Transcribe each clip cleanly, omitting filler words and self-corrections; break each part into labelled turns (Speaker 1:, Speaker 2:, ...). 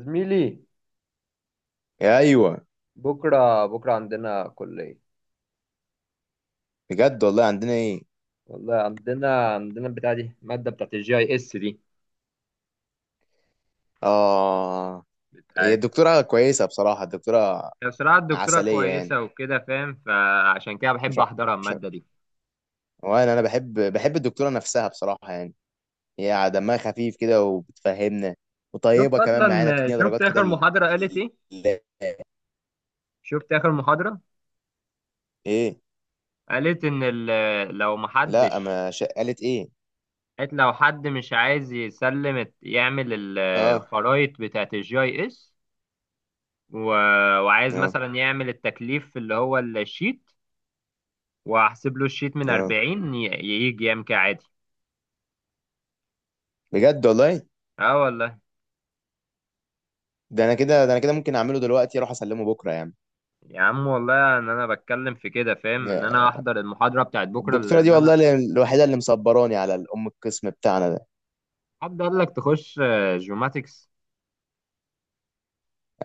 Speaker 1: زميلي،
Speaker 2: ايوه.
Speaker 1: بكرة عندنا كلية.
Speaker 2: بجد والله؟ عندنا ايه؟
Speaker 1: والله عندنا بتاع دي المادة بتاعت الجي اي اس دي
Speaker 2: اه، هي
Speaker 1: بتاعت.
Speaker 2: الدكتوره كويسه بصراحه. الدكتوره
Speaker 1: هي بصراحة الدكتورة
Speaker 2: عسليه يعني.
Speaker 1: كويسة وكده، فاهم؟ فعشان كده
Speaker 2: مش
Speaker 1: بحب
Speaker 2: ع-
Speaker 1: أحضرها
Speaker 2: مش ع-
Speaker 1: المادة دي.
Speaker 2: وانا بحب الدكتوره نفسها بصراحه يعني. هي دمها خفيف كده وبتفهمنا،
Speaker 1: شفت
Speaker 2: وطيبه كمان
Speaker 1: أصلا
Speaker 2: معانا، بتدينا
Speaker 1: شفت
Speaker 2: درجات كده.
Speaker 1: آخر محاضرة قالت إيه؟
Speaker 2: ال-
Speaker 1: شفت آخر محاضرة
Speaker 2: ايه؟
Speaker 1: قالت إن ال- لو
Speaker 2: لا،
Speaker 1: محدش
Speaker 2: ما ش- قالت ايه؟
Speaker 1: قالت لو حد مش عايز يعمل
Speaker 2: اه.
Speaker 1: الخرايط بتاعت الجي اي اس، وعايز
Speaker 2: اه.
Speaker 1: مثلا يعمل التكليف اللي هو الشيت، واحسب له الشيت من
Speaker 2: اه،
Speaker 1: 40 يجي يام كعادي.
Speaker 2: بجد والله.
Speaker 1: اه والله.
Speaker 2: ده انا كده ممكن اعمله دلوقتي، اروح اسلمه بكره يعني.
Speaker 1: يا عم والله ان انا بتكلم في كده، فاهم؟ ان انا احضر المحاضره بتاعت بكره
Speaker 2: الدكتوره دي
Speaker 1: لان انا.
Speaker 2: والله الوحيده اللي مصبراني على الام القسم بتاعنا ده.
Speaker 1: حد قال لك تخش جيوماتكس؟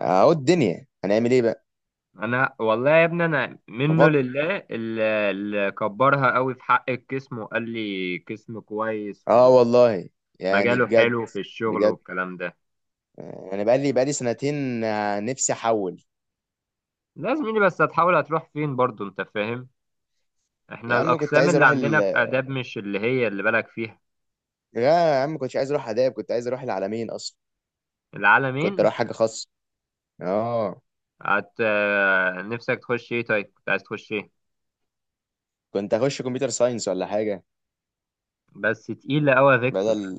Speaker 2: اهو، الدنيا هنعمل ايه بقى.
Speaker 1: انا والله يا ابني، انا منه
Speaker 2: بفكر.
Speaker 1: لله، اللي كبرها قوي في حق قسمه، وقال لي قسم كويس،
Speaker 2: اه والله. يعني
Speaker 1: ومجاله
Speaker 2: بجد.
Speaker 1: حلو في الشغل
Speaker 2: بجد.
Speaker 1: والكلام ده.
Speaker 2: انا بقالي سنتين، نفسي احول.
Speaker 1: لا زميلي، بس هتروح فين برضو؟ انت فاهم،
Speaker 2: يا
Speaker 1: احنا
Speaker 2: عم، كنت
Speaker 1: الاقسام
Speaker 2: عايز
Speaker 1: اللي
Speaker 2: اروح
Speaker 1: عندنا في اداب مش اللي هي اللي بالك فيها.
Speaker 2: لا يا عم، كنتش عايز اروح اداب، كنت عايز اروح العالمين اصلا. كنت
Speaker 1: العالمين،
Speaker 2: اروح حاجه خاصه. اه.
Speaker 1: هت آه، نفسك تخش ايه؟ طيب كنت عايز تخش ايه؟
Speaker 2: كنت اخش كمبيوتر ساينس ولا حاجه.
Speaker 1: بس تقيلة قوي فيكتور.
Speaker 2: بدل.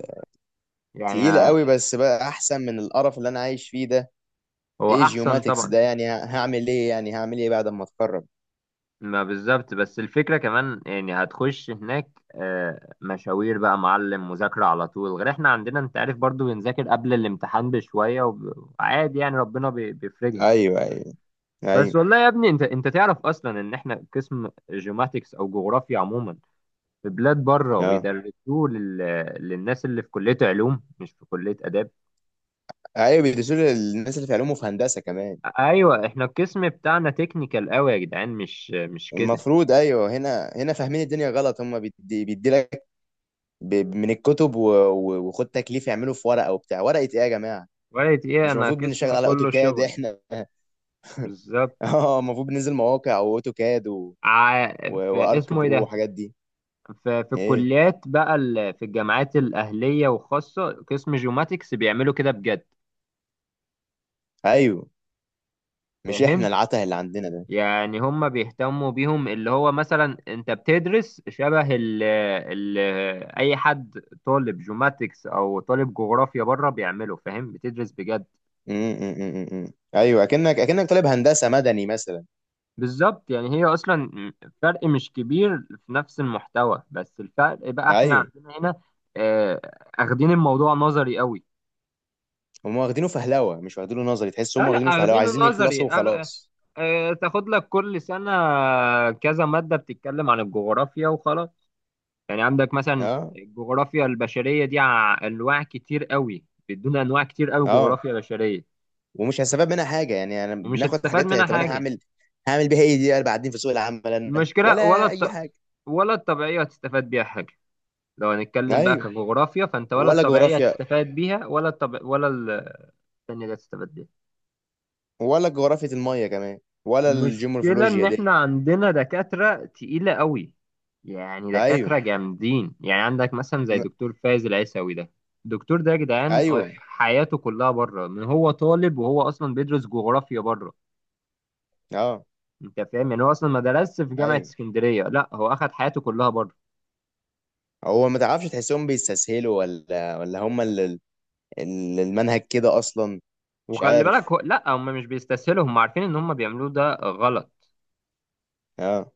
Speaker 1: يعني
Speaker 2: تقيله قوي، بس بقى احسن من القرف اللي انا عايش فيه ده.
Speaker 1: هو
Speaker 2: ايه
Speaker 1: احسن
Speaker 2: جيوماتكس
Speaker 1: طبعا.
Speaker 2: ده يعني؟ هعمل ايه يعني؟ هعمل ايه بعد ما اتخرج؟
Speaker 1: ما بالظبط، بس الفكرة كمان يعني هتخش هناك، مشاوير بقى، معلم، مذاكرة على طول، غير احنا عندنا انت عارف برضو بنذاكر قبل الامتحان بشوية، وعادي يعني، ربنا بيفرجها.
Speaker 2: ايوه، ايوه،
Speaker 1: بس
Speaker 2: ايوه.
Speaker 1: والله يا ابني، انت تعرف اصلا ان احنا قسم جيوماتكس او جغرافيا عموما في بلاد بره
Speaker 2: اه،
Speaker 1: بيدرسوه للناس اللي في كلية علوم، مش في كلية آداب.
Speaker 2: ايوه، بيدرسوا للناس اللي في علوم وفي هندسه كمان.
Speaker 1: ايوه، احنا القسم بتاعنا تكنيكال قوي يا جدعان، مش كده.
Speaker 2: المفروض. ايوه، هنا فاهمين الدنيا غلط. هم بيدي لك من الكتب و وخد تكليف، يعملوا في ورقه وبتاع. ورقه ايه يا جماعه؟
Speaker 1: وقالت ايه،
Speaker 2: مش
Speaker 1: انا
Speaker 2: المفروض بنشتغل
Speaker 1: قسم
Speaker 2: على
Speaker 1: كله
Speaker 2: اوتوكاد
Speaker 1: شغل.
Speaker 2: احنا؟
Speaker 1: بالظبط.
Speaker 2: اه، المفروض بننزل مواقع، واوتوكاد، و...
Speaker 1: ع...
Speaker 2: و...
Speaker 1: في
Speaker 2: وارك
Speaker 1: اسمه ايه
Speaker 2: برو
Speaker 1: ده،
Speaker 2: والحاجات دي.
Speaker 1: في
Speaker 2: ايه.
Speaker 1: الكليات بقى، في الجامعات الاهليه وخاصه قسم جيوماتكس، بيعملوا كده بجد.
Speaker 2: ايوه. مش
Speaker 1: فاهم؟
Speaker 2: احنا العته اللي عندنا ده.
Speaker 1: يعني هم بيهتموا بيهم، اللي هو مثلا انت بتدرس شبه اي حد طالب جيوماتكس او طالب جغرافيا بره بيعمله، فاهم؟ بتدرس بجد.
Speaker 2: م- م- م- م- م. ايوه، اكنك طالب هندسه مدني مثلا.
Speaker 1: بالظبط، يعني هي اصلا فرق مش كبير في نفس المحتوى، بس الفرق بقى احنا
Speaker 2: ايوه.
Speaker 1: عندنا هنا آه، اخدين الموضوع نظري قوي.
Speaker 2: هم واخدينه فهلوه، مش واخدينه نظري. تحس هم
Speaker 1: لا لا،
Speaker 2: واخدينه فهلوه،
Speaker 1: اخدينه
Speaker 2: عايزين يخلصوا
Speaker 1: نظري.
Speaker 2: وخلاص.
Speaker 1: تاخد لك كل سنة كذا مادة بتتكلم عن الجغرافيا وخلاص. يعني عندك مثلا
Speaker 2: اه.
Speaker 1: الجغرافيا البشرية دي أنواع كتير قوي، بيدونا أنواع كتير قوي
Speaker 2: اه.
Speaker 1: جغرافيا بشرية،
Speaker 2: ومش هستفاد منها حاجه يعني، انا
Speaker 1: ومش
Speaker 2: بناخد
Speaker 1: هتستفاد
Speaker 2: حاجات.
Speaker 1: منها
Speaker 2: طب انا
Speaker 1: حاجة.
Speaker 2: هعمل بيها ايه دي بعدين في سوق العمل انا،
Speaker 1: المشكلة ولا
Speaker 2: ولا اي
Speaker 1: الط...
Speaker 2: حاجه.
Speaker 1: ولا الطبيعية هتستفاد بيها حاجة. لو هنتكلم بقى
Speaker 2: ايوه.
Speaker 1: كجغرافيا فانت ولا
Speaker 2: ولا
Speaker 1: الطبيعيه
Speaker 2: جغرافيا.
Speaker 1: هتستفاد بيها، ولا الطب... ولا ال- التانية اللي هتستفاد بيها.
Speaker 2: ولا جغرافيا الميه كمان. ولا
Speaker 1: المشكله ان
Speaker 2: الجيومورفولوجيا
Speaker 1: احنا
Speaker 2: دي.
Speaker 1: عندنا دكاتره تقيله قوي، يعني
Speaker 2: ايوه.
Speaker 1: دكاتره جامدين. يعني عندك مثلا زي
Speaker 2: م-
Speaker 1: دكتور فايز العيساوي ده، الدكتور ده يا جدعان
Speaker 2: ايوه.
Speaker 1: حياته كلها بره من هو طالب، وهو اصلا بيدرس جغرافيا بره.
Speaker 2: اه.
Speaker 1: انت فاهم؟ يعني هو اصلا ما درسش في جامعه
Speaker 2: ايوه.
Speaker 1: اسكندريه، لا هو اخد حياته كلها بره.
Speaker 2: هو ما تعرفش، تحسهم بيستسهلوا ولا هم اللي المنهج كده اصلا؟ مش
Speaker 1: وخلي
Speaker 2: عارف.
Speaker 1: بالك لا، هم مش بيستسهلوا، هم عارفين ان هم بيعملوه ده غلط.
Speaker 2: اه.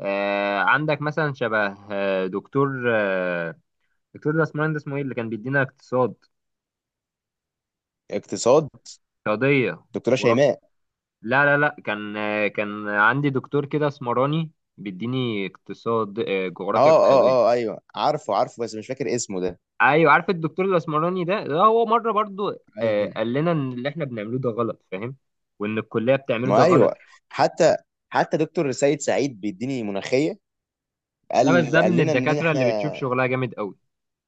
Speaker 1: عندك مثلا شبه دكتور دكتور ده اسمه ايه اللي كان بيدينا اقتصاد؟
Speaker 2: اقتصاد.
Speaker 1: اقتصادية
Speaker 2: دكتوره
Speaker 1: جغرافيا.
Speaker 2: شيماء.
Speaker 1: لا لا لا، كان عندي دكتور كده اسمراني بيديني اقتصاد، جغرافيا
Speaker 2: اه.
Speaker 1: اقتصادية.
Speaker 2: اه. اه، ايوه، عارفه عارفه، بس مش فاكر اسمه ده.
Speaker 1: ايوه، عارف الدكتور الاسمراني ده هو مرة برضو
Speaker 2: ايوه.
Speaker 1: قال لنا ان اللي احنا بنعمله ده غلط، فاهم؟ وان الكلية بتعمله ده
Speaker 2: ما
Speaker 1: غلط.
Speaker 2: ايوه. حتى حتى دكتور سيد سعيد بيديني مناخيه،
Speaker 1: لا بس
Speaker 2: قال
Speaker 1: ده
Speaker 2: قال
Speaker 1: من
Speaker 2: لنا ان
Speaker 1: الدكاترة
Speaker 2: احنا.
Speaker 1: اللي بتشوف شغلها جامد قوي،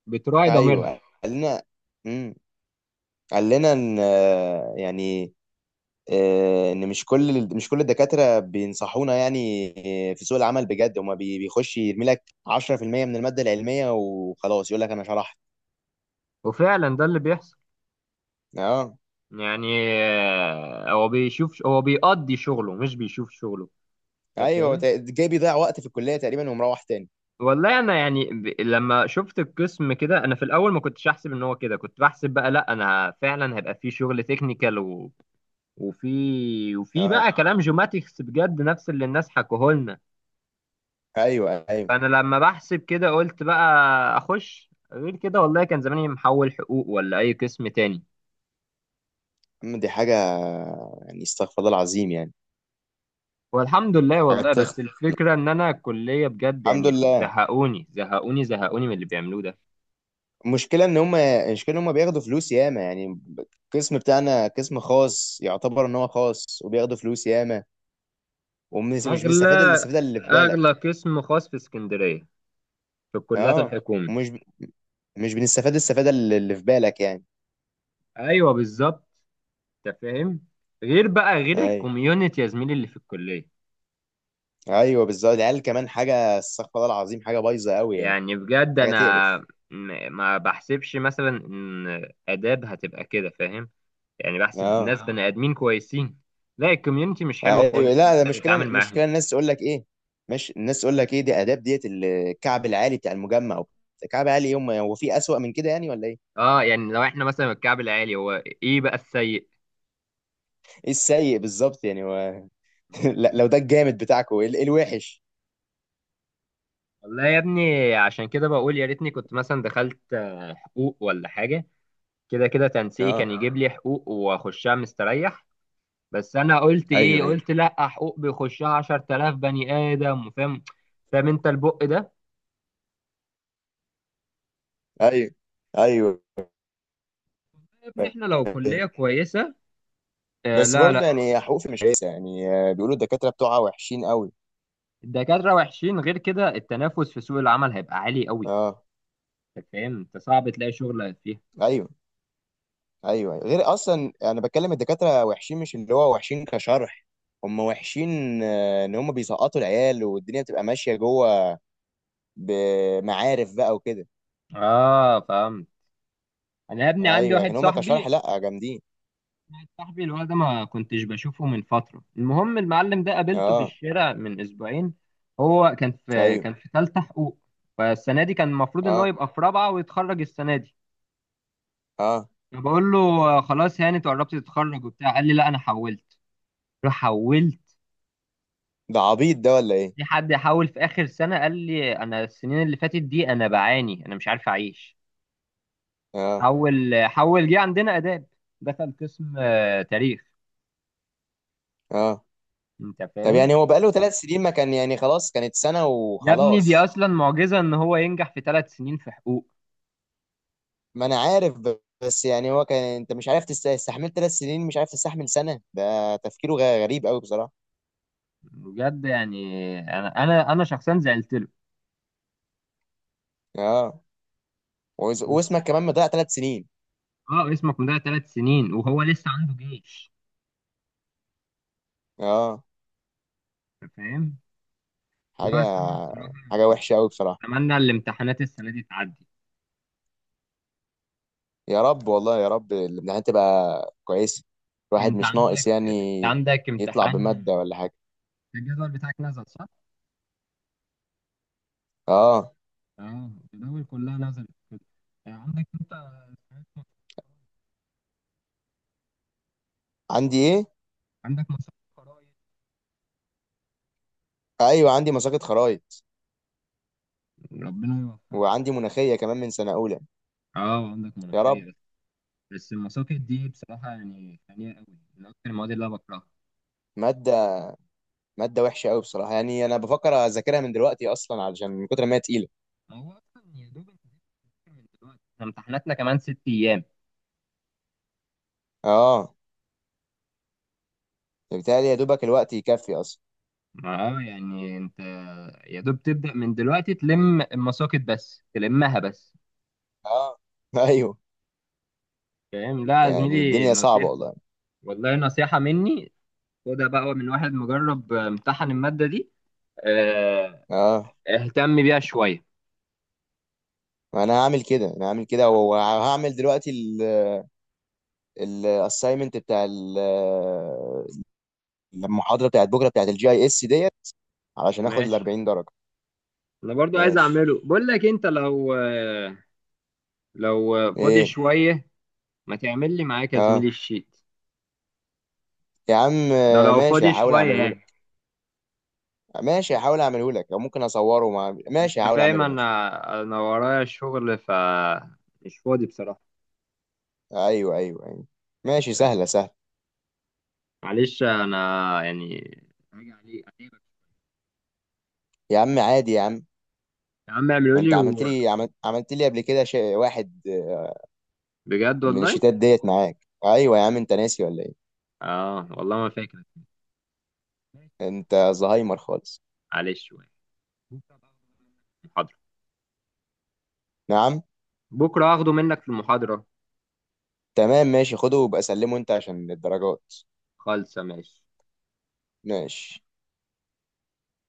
Speaker 1: بتراعي ضميرها.
Speaker 2: ايوه، قال لنا. امم قال لنا ان يعني، ان مش كل الدكاتره بينصحونا يعني. في سوق العمل بجد، هما بيخش يرمي لك 10% من الماده العلميه وخلاص، يقول لك انا شرحت.
Speaker 1: وفعلا ده اللي بيحصل.
Speaker 2: اه،
Speaker 1: يعني هو بيقضي شغله، مش بيشوف شغله. انت
Speaker 2: ايوه،
Speaker 1: فاهم؟
Speaker 2: جاي بيضيع وقت في الكليه تقريبا ومروح تاني.
Speaker 1: والله انا يعني لما شفت القسم كده، انا في الاول ما كنتش احسب ان هو كده. كنت بحسب بقى لا، انا فعلا هيبقى في شغل تكنيكال وفي
Speaker 2: اه.
Speaker 1: بقى كلام جيوماتكس بجد، نفس اللي الناس حكوه لنا.
Speaker 2: ايوه. ايوه.
Speaker 1: فانا لما بحسب كده قلت بقى اخش غير كده. والله كان زماني محول حقوق ولا اي قسم تاني.
Speaker 2: أما دي حاجه يعني. استغفر الله العظيم يعني.
Speaker 1: والحمد لله،
Speaker 2: حاجه
Speaker 1: والله
Speaker 2: تخ...
Speaker 1: بس الفكرة إن أنا الكلية بجد
Speaker 2: الحمد
Speaker 1: يعني
Speaker 2: لله.
Speaker 1: زهقوني زهقوني زهقوني من اللي بيعملوه ده.
Speaker 2: المشكله ان هم بياخدوا فلوس ياما يعني. القسم بتاعنا قسم خاص، يعتبر ان هو خاص، وبياخدوا فلوس ياما، ومش مش بنستفاد
Speaker 1: أغلى
Speaker 2: الاستفاده اللي في
Speaker 1: أغلى
Speaker 2: بالك.
Speaker 1: قسم خاص في اسكندرية، في الكليات
Speaker 2: اه.
Speaker 1: الحكومي.
Speaker 2: ومش ب- مش بنستفاد الاستفاده اللي في بالك يعني.
Speaker 1: أيوه بالظبط. أنت فاهم؟ غير
Speaker 2: ايوه،
Speaker 1: الكوميونتي يا زميلي اللي في الكلية.
Speaker 2: ايوه، بالظبط. العيال كمان حاجه، استغفر الله العظيم، حاجه بايظه قوي يعني.
Speaker 1: يعني بجد
Speaker 2: حاجه
Speaker 1: أنا
Speaker 2: تقرف.
Speaker 1: ما بحسبش مثلا إن آداب هتبقى كده، فاهم؟ يعني بحسب
Speaker 2: اه.
Speaker 1: ناس بني آدمين كويسين، لا الكوميونتي مش حلوة
Speaker 2: ايوه،
Speaker 1: خالص إن
Speaker 2: لا ده
Speaker 1: أنت
Speaker 2: مشكله
Speaker 1: تتعامل معاهم.
Speaker 2: مشكله الناس تقول لك ايه؟ ماشي، الناس تقول لك ايه دي؟ اداب ديت الكعب العالي بتاع المجمع. الكعب العالي يوم هو في اسوأ من كده يعني؟ ولا ايه؟
Speaker 1: اه، يعني لو احنا مثلا الكعب العالي هو، ايه بقى السيء؟
Speaker 2: ايه السيء بالظبط يعني؟ لا، لو ده الجامد بتاعكم الوحش.
Speaker 1: والله يا ابني عشان كده بقول يا ريتني كنت مثلا دخلت حقوق ولا حاجة. كده كده تنسيقي
Speaker 2: اه.
Speaker 1: كان يجيب لي حقوق واخشها مستريح. بس انا قلت ايه،
Speaker 2: ايوه. ايوه.
Speaker 1: قلت لا، حقوق بيخشها 10,000 بني ادم، فاهم انت البق ده.
Speaker 2: ايوه. ايوه.
Speaker 1: يا ابني احنا لو
Speaker 2: أيوة.
Speaker 1: كلية كويسة، آه.
Speaker 2: بس
Speaker 1: لا
Speaker 2: برضه
Speaker 1: لا،
Speaker 2: يعني حقوق مش كويسه يعني، بيقولوا الدكاتره بتوعها وحشين قوي.
Speaker 1: الدكاترة وحشين، غير كده التنافس في سوق العمل هيبقى عالي قوي.
Speaker 2: اه.
Speaker 1: انت فاهم؟ انت صعب تلاقي شغل فيها.
Speaker 2: ايوه. ايوه. أيوه. غير اصلا انا بتكلم الدكاتره وحشين، مش اللي هو وحشين كشرح. هم وحشين ان هم بيسقطوا العيال، والدنيا بتبقى ماشيه جوه بمعارف بقى وكده.
Speaker 1: اه فاهم. انا يا ابني عندي
Speaker 2: ايوه.
Speaker 1: واحد
Speaker 2: لكن هم كشرح
Speaker 1: صاحبي
Speaker 2: لا، جامدين.
Speaker 1: واحد صاحبي اللي هو ده ما كنتش بشوفه من فترة. المهم، المعلم ده قابلته في
Speaker 2: اه.
Speaker 1: الشارع من أسبوعين. هو كان في
Speaker 2: ايوه.
Speaker 1: ثالثة حقوق. فالسنة دي كان المفروض إن هو
Speaker 2: اه.
Speaker 1: يبقى في رابعة ويتخرج السنة دي.
Speaker 2: اه.
Speaker 1: فبقول له خلاص يعني أنت قربت تتخرج وبتاع. قال لي لا أنا حولت. قلت له حولت؟
Speaker 2: ده عبيط ده ولا ايه؟
Speaker 1: في حد يحول في آخر سنة؟ قال لي أنا السنين اللي فاتت دي أنا بعاني، أنا مش عارف أعيش.
Speaker 2: اه.
Speaker 1: حول حول جه عندنا آداب، دخل قسم تاريخ.
Speaker 2: اه.
Speaker 1: أنت
Speaker 2: طب
Speaker 1: فاهم؟
Speaker 2: يعني هو بقاله ثلاث سنين؟ ما كان يعني خلاص كانت سنة
Speaker 1: يا ابني دي
Speaker 2: وخلاص.
Speaker 1: اصلا معجزه ان هو ينجح في ثلاث سنين في حقوق.
Speaker 2: ما انا عارف، بس يعني هو كان، انت مش عارف تستحمل ثلاث سنين، مش عارف تستحمل سنة؟ ده تفكيره غريب قوي بصراحة.
Speaker 1: بجد يعني انا شخصيا زعلت له.
Speaker 2: اه.
Speaker 1: بس
Speaker 2: واسمك كمان مضيع ثلاث سنين.
Speaker 1: اه اسمك مضيع ثلاث سنين وهو لسه عنده جيش.
Speaker 2: اه.
Speaker 1: انت فاهم؟
Speaker 2: حاجة
Speaker 1: لا بس انا بصراحه
Speaker 2: حاجة
Speaker 1: يعني
Speaker 2: وحشة قوي بصراحة.
Speaker 1: اتمنى الامتحانات السنه دي تعدي.
Speaker 2: يا رب، والله يا رب الامتحانات تبقى كويسة. الواحد
Speaker 1: انت
Speaker 2: مش
Speaker 1: عندك
Speaker 2: ناقص يعني
Speaker 1: انت عندك
Speaker 2: يطلع بمادة
Speaker 1: امتحان؟
Speaker 2: ولا حاجة.
Speaker 1: الجدول بتاعك نزل صح؟
Speaker 2: اه.
Speaker 1: اه الجدول كلها نزلت كده. آه، عندك انت
Speaker 2: عندي ايه؟
Speaker 1: عندك مسابقه قرايه؟
Speaker 2: ايوه، عندي مساقط خرايط،
Speaker 1: ربنا يوفقك.
Speaker 2: وعندي مناخية كمان من سنة اولى.
Speaker 1: اه عندك
Speaker 2: يا
Speaker 1: مناقشه
Speaker 2: رب.
Speaker 1: بس. بس المساقط دي بصراحه يعني خانقه قوي، من اكتر المواد اللي انا بكرهها.
Speaker 2: مادة مادة وحشة قوي بصراحة يعني. أنا بفكر أذاكرها من دلوقتي أصلا علشان من كتر ما هي تقيلة.
Speaker 1: هو اصلا يا دوب انت لسه بتذاكر من دلوقتي، احنا امتحاناتنا كمان ست ايام.
Speaker 2: أه، بالتالي يا دوبك الوقت يكفي أصلا.
Speaker 1: ما يعني انت يا دوب تبدا من دلوقتي تلم المساقط بس، تلمها بس.
Speaker 2: أه. أيوه.
Speaker 1: فاهم؟ لا يا
Speaker 2: يعني
Speaker 1: زميلي
Speaker 2: الدنيا صعبة
Speaker 1: نصيحه،
Speaker 2: والله.
Speaker 1: والله نصيحه مني، خدها بقى من واحد مجرب امتحن الماده دي. اه،
Speaker 2: أه،
Speaker 1: اهتم بيها شويه.
Speaker 2: أنا هعمل كده. وهعمل دلوقتي الأسايمنت بتاع المحاضرة بتاعت بكرة بتاعت الجي أي إس ديت، علشان آخد ال
Speaker 1: ماشي.
Speaker 2: 40 درجة.
Speaker 1: انا برضو عايز
Speaker 2: ماشي.
Speaker 1: اعمله، بقول لك انت لو لو فاضي
Speaker 2: إيه؟
Speaker 1: شويه، ما تعمل لي معاك يا زميلي
Speaker 2: أه.
Speaker 1: الشيت
Speaker 2: يا عم.
Speaker 1: ده لو
Speaker 2: ماشي،
Speaker 1: فاضي
Speaker 2: هحاول
Speaker 1: شويه
Speaker 2: أعمله لك.
Speaker 1: يعني.
Speaker 2: ماشي هحاول أعمله لك أو ممكن أصوره مع... ماشي،
Speaker 1: انت
Speaker 2: هحاول
Speaker 1: فاهم،
Speaker 2: أعمله. ماشي.
Speaker 1: انا ورايا شغل مش فاضي بصراحه.
Speaker 2: ايوه، ايوه، ايوه. ماشي. سهله سهله.
Speaker 1: معلش انا يعني هاجي عليك.
Speaker 2: يا عم، عادي يا عم.
Speaker 1: يا عم اعملوا
Speaker 2: ما انت
Speaker 1: لي
Speaker 2: عملت لي، عملت لي قبل كده شيء واحد،
Speaker 1: بجد
Speaker 2: من
Speaker 1: والله.
Speaker 2: الشتات ديت معاك. ايوه يا عم، انت ناسي ولا ايه؟
Speaker 1: اه والله ما فاكر.
Speaker 2: انت زهايمر خالص.
Speaker 1: معلش شويه، محاضره
Speaker 2: نعم.
Speaker 1: بكره هاخده منك في المحاضره.
Speaker 2: تمام، ماشي، خده وبقى سلمه انت عشان الدرجات.
Speaker 1: خالصه ماشي.
Speaker 2: ماشي.